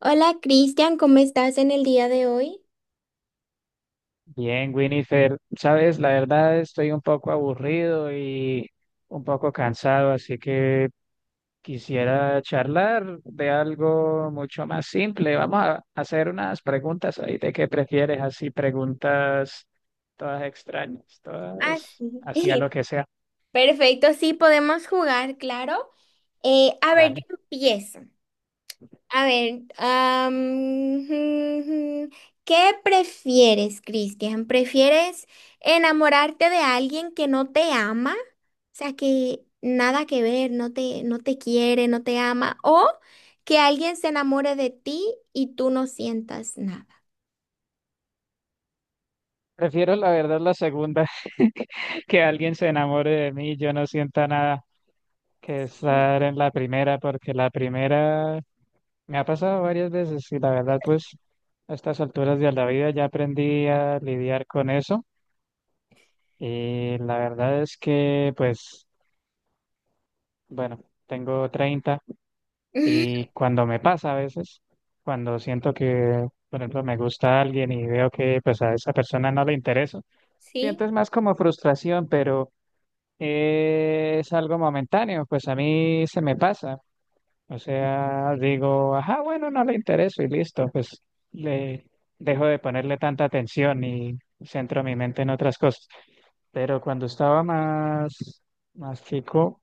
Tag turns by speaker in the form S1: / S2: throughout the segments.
S1: Hola, Cristian, ¿cómo estás en el día de hoy?
S2: Bien, Winifred, sabes, la verdad estoy un poco aburrido y un poco cansado, así que quisiera charlar de algo mucho más simple. Vamos a hacer unas preguntas ahí de qué prefieres, así preguntas todas extrañas,
S1: Ah,
S2: todas
S1: sí.
S2: así lo que sea.
S1: Perfecto, sí, podemos jugar, claro. A ver, yo
S2: Vale.
S1: empiezo. A ver, ¿qué prefieres, Cristian? ¿Prefieres enamorarte de alguien que no te ama? O sea, que nada que ver, no te quiere, no te ama, o que alguien se enamore de ti y tú no sientas nada.
S2: Prefiero la verdad la segunda, que alguien se enamore de mí, y yo no sienta nada que estar en la primera, porque la primera me ha pasado varias veces y la verdad, pues a estas alturas de la vida ya aprendí a lidiar con eso y la verdad es que, pues, bueno, tengo 30 y cuando me pasa a veces, cuando siento que, por ejemplo, me gusta alguien y veo que pues a esa persona no le interesa, siento
S1: Sí,
S2: es más como frustración, pero es algo momentáneo, pues a mí se me pasa. O sea, digo, ajá, bueno, no le intereso y listo, pues le dejo de ponerle tanta atención y centro mi mente en otras cosas. Pero cuando estaba más, más chico,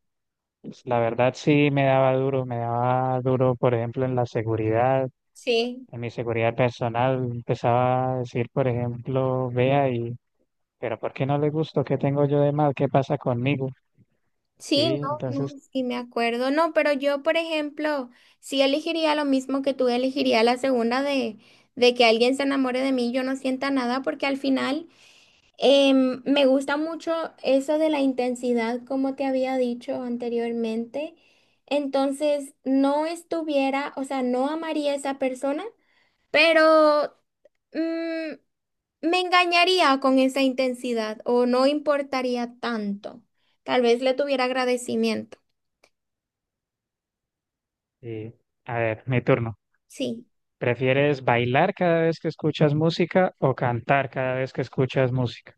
S2: pues, la verdad sí me daba duro, por ejemplo, en la seguridad,
S1: sí.
S2: en mi seguridad personal. Empezaba a decir, por ejemplo, vea y, pero ¿por qué no le gusto? ¿Qué tengo yo de mal? ¿Qué pasa conmigo?
S1: Sí,
S2: Sí,
S1: no, no,
S2: entonces,
S1: sí me acuerdo. No, pero yo, por ejemplo, sí elegiría lo mismo que tú, elegiría de que alguien se enamore de mí y yo no sienta nada, porque al final me gusta mucho eso de la intensidad, como te había dicho anteriormente. Entonces, no estuviera, o sea, no amaría a esa persona, pero mm, me engañaría con esa intensidad o no importaría tanto. Tal vez le tuviera agradecimiento.
S2: sí. A ver, mi turno.
S1: Sí,
S2: ¿Prefieres bailar cada vez que escuchas música o cantar cada vez que escuchas música?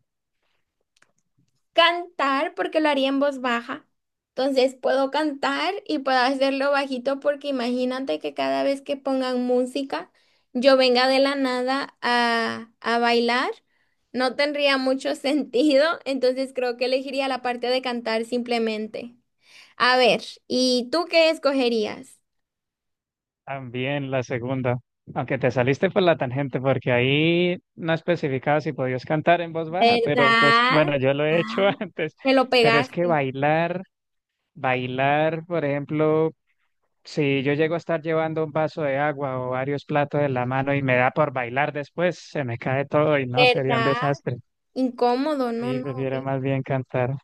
S1: cantar porque lo haría en voz baja. Entonces puedo cantar y puedo hacerlo bajito porque imagínate que cada vez que pongan música, yo venga de la nada a bailar. No tendría mucho sentido, entonces creo que elegiría la parte de cantar simplemente. A ver, ¿y tú qué escogerías?
S2: También la segunda, aunque te saliste por la tangente porque ahí no especificaba si podías cantar en voz baja, pero pues
S1: ¿Verdad?
S2: bueno, yo lo he hecho
S1: Ah,
S2: antes.
S1: que lo
S2: Pero es que
S1: pegaste.
S2: bailar, bailar, por ejemplo, si yo llego a estar llevando un vaso de agua o varios platos en la mano y me da por bailar después, se me cae todo y no, sería un
S1: ¿Verdad?
S2: desastre.
S1: Incómodo, no,
S2: Sí,
S1: no,
S2: prefiero
S1: horrible.
S2: más bien cantar.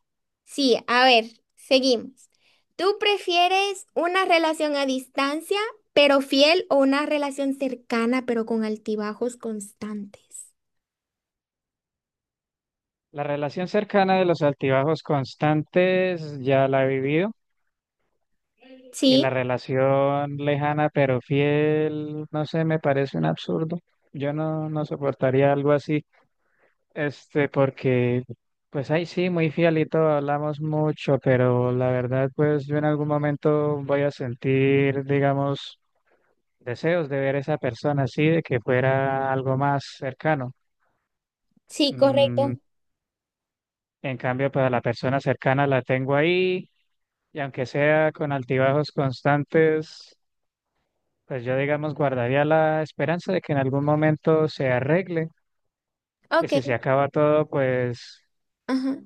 S1: Sí, a ver, seguimos. ¿Tú prefieres una relación a distancia, pero fiel, o una relación cercana, pero con altibajos constantes?
S2: La relación cercana de los altibajos constantes ya la he vivido y
S1: Sí,
S2: la relación lejana pero fiel, no sé, me parece un absurdo. Yo no, no soportaría algo así, este, porque pues ahí sí, muy fiel y todo, hablamos mucho, pero la verdad pues yo en algún momento voy a sentir, digamos, deseos de ver a esa persona así, de que fuera algo más cercano.
S1: sí,
S2: Mm,
S1: correcto.
S2: en cambio, pues a la persona cercana la tengo ahí. Y aunque sea con altibajos constantes, pues yo, digamos, guardaría la esperanza de que en algún momento se arregle. Y
S1: Ok,
S2: si se acaba todo, pues
S1: ajá.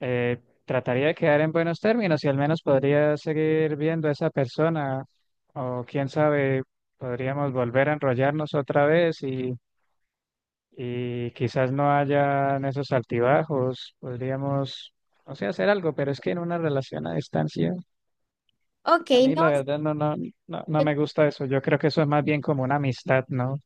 S2: trataría de quedar en buenos términos y al menos podría seguir viendo a esa persona. O quién sabe, podríamos volver a enrollarnos otra vez y quizás no hayan esos altibajos. Podríamos, o sea, hacer algo, pero es que en una relación a distancia.
S1: Ok,
S2: A mí
S1: no,
S2: la verdad no
S1: yo
S2: me gusta eso. Yo creo que eso es más bien como una amistad, ¿no?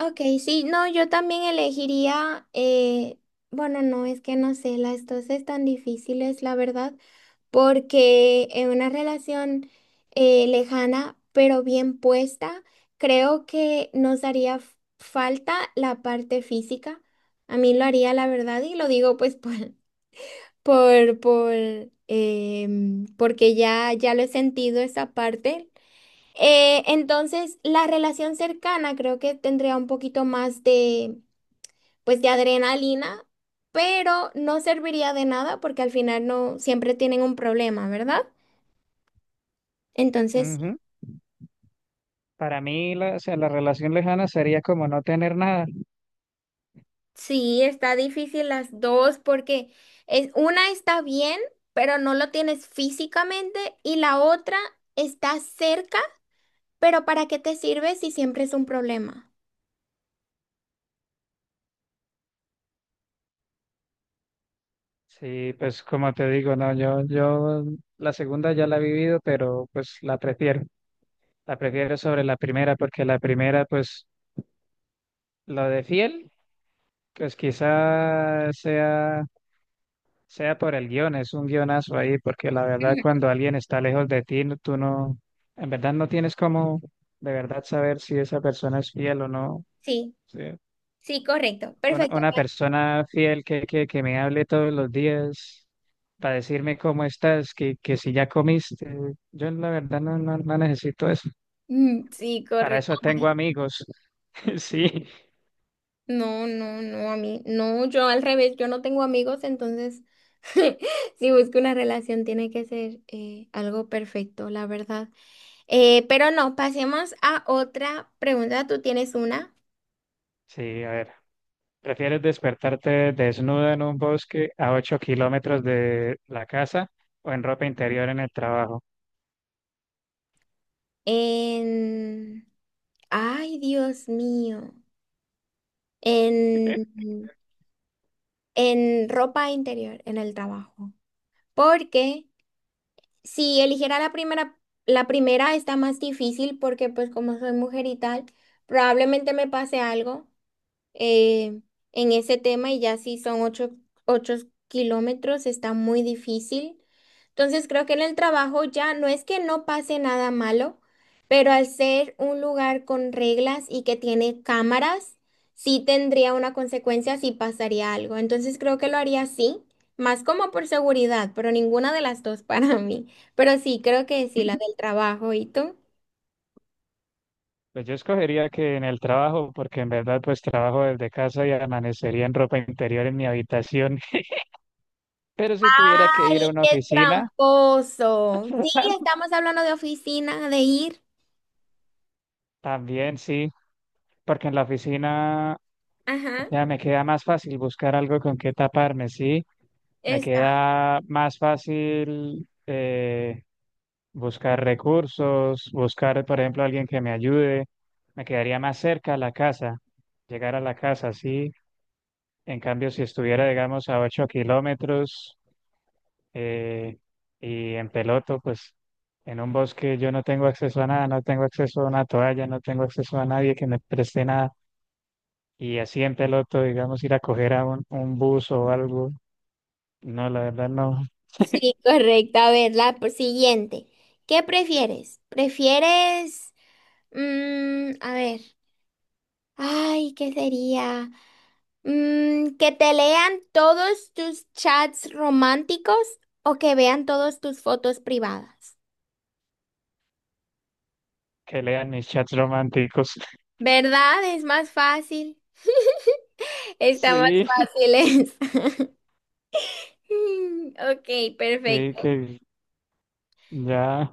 S1: Ok, sí, no, yo también elegiría, bueno, no, es que no sé, las dos están difíciles, la verdad, porque en una relación lejana, pero bien puesta, creo que nos haría falta la parte física. A mí lo haría, la verdad, y lo digo pues por, por, porque ya lo he sentido esa parte. Entonces, la relación cercana creo que tendría un poquito más de, pues, de adrenalina, pero no serviría de nada porque al final no siempre tienen un problema, ¿verdad? Entonces, sí.
S2: Ujú. Para mí, o sea, la relación lejana sería como no tener nada.
S1: Sí, está difícil las dos porque es, una está bien, pero no lo tienes físicamente y la otra está cerca, pero ¿para qué te sirve si siempre es un problema?
S2: Sí, pues como te digo, no, yo la segunda ya la he vivido, pero pues la prefiero. La prefiero sobre la primera porque la primera, pues lo de fiel, pues quizá sea por el guión, es un guionazo ahí, porque la verdad
S1: Ujú.
S2: cuando alguien está lejos de ti, tú no, en verdad no tienes como de verdad saber si esa persona es fiel o no.
S1: Sí,
S2: Sí.
S1: sí, correcto,
S2: Una,
S1: perfecto.
S2: una
S1: Pat.
S2: persona fiel que me hable todos los días para decirme cómo estás, que si ya comiste, yo la verdad no necesito eso.
S1: Mm, sí,
S2: Para
S1: correcto.
S2: eso tengo amigos. Sí,
S1: No, no, no, a mí, no, yo al revés, yo no tengo amigos, entonces si busco una relación tiene que ser algo perfecto, la verdad. Pero no, pasemos a otra pregunta. Tú tienes una
S2: sí, a ver. ¿Prefieres despertarte desnuda en un bosque a 8 kilómetros de la casa o en ropa interior en el trabajo?
S1: en... Ay, Dios mío, en, en ropa interior, en el trabajo. Porque si eligiera la primera está más difícil porque pues como soy mujer y tal, probablemente me pase algo, eh, en ese tema. Y ya si son 8 kilómetros, está muy difícil. Entonces creo que en el trabajo ya no es que no pase nada malo, pero al ser un lugar con reglas y que tiene cámaras, sí tendría una consecuencia si pasaría algo. Entonces creo que lo haría así, más como por seguridad, pero ninguna de las dos para mí. Pero sí, creo que sí, la del trabajo. ¿Y tú?
S2: Pues yo escogería que en el trabajo, porque en verdad pues trabajo desde casa y amanecería en ropa interior en mi habitación. Pero si tuviera que ir
S1: Ay,
S2: a una
S1: qué
S2: oficina,
S1: tramposo. Sí, estamos hablando de oficina, de ir.
S2: también sí, porque en la oficina, o
S1: Ajá,
S2: sea, me queda más fácil buscar algo con qué taparme, sí, me
S1: está.
S2: queda más fácil buscar recursos, buscar, por ejemplo, alguien que me ayude. Me quedaría más cerca a la casa, llegar a la casa, sí. En cambio, si estuviera, digamos, a 8 kilómetros eh, y en peloto, pues en un bosque yo no tengo acceso a nada, no tengo acceso a una toalla, no tengo acceso a nadie que me preste nada. Y así en peloto, digamos, ir a coger a un bus o algo. No, la verdad no.
S1: Sí, correcto. A ver, la siguiente. ¿Qué prefieres? ¿Prefieres, mm, a ver, ay, qué sería? Mm, ¿que te lean todos tus chats románticos o que vean todas tus fotos privadas?
S2: Que lean mis chats románticos.
S1: ¿Verdad? Es más fácil. Está más
S2: Sí,
S1: fácil. Es. Mm, ok,
S2: sí,
S1: perfecto.
S2: que ya.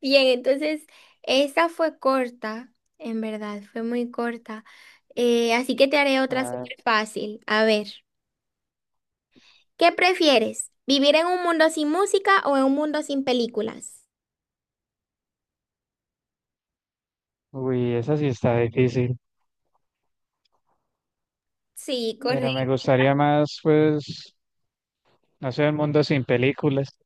S1: Bien, entonces esa fue corta, en verdad, fue muy corta. Así que te haré otra
S2: Ah,
S1: súper fácil. A ver, ¿qué prefieres? ¿Vivir en un mundo sin música o en un mundo sin películas?
S2: uy, esa sí está difícil,
S1: Sí,
S2: pero me
S1: correcto.
S2: gustaría más, pues, no sé, un mundo sin películas.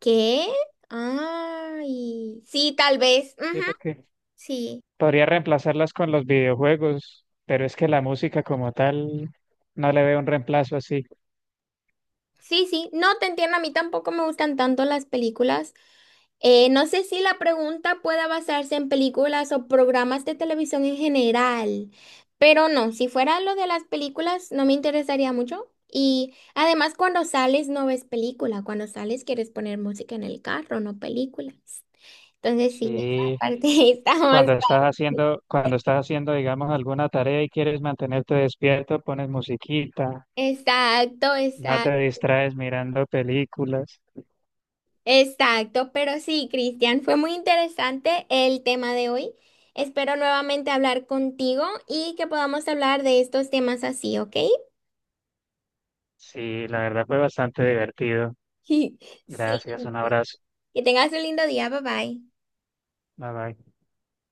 S1: ¿Qué? Ay, sí, tal vez. Ujú,
S2: Sí, porque
S1: sí,
S2: podría reemplazarlas con los videojuegos, pero es que la música como tal no le veo un reemplazo así.
S1: sí, sí. No te entiendo, a mí tampoco me gustan tanto las películas. No sé si la pregunta pueda basarse en películas o programas de televisión en general, pero no, si fuera lo de las películas no me interesaría mucho. Y además cuando sales no ves película, cuando sales quieres poner música en el carro, no películas. Entonces sí, esa
S2: Sí,
S1: parte está más... fácil.
S2: cuando estás haciendo, digamos, alguna tarea y quieres mantenerte despierto, pones musiquita,
S1: Exacto,
S2: no
S1: exacto,
S2: te distraes mirando películas.
S1: exacto. Pero sí, Cristian, fue muy interesante el tema de hoy. Espero nuevamente hablar contigo y que podamos hablar de estos temas así, ¿ok?
S2: Sí, la verdad fue bastante divertido.
S1: Sí,
S2: Gracias, un abrazo.
S1: que tengas un lindo día, bye bye.
S2: Bye bye.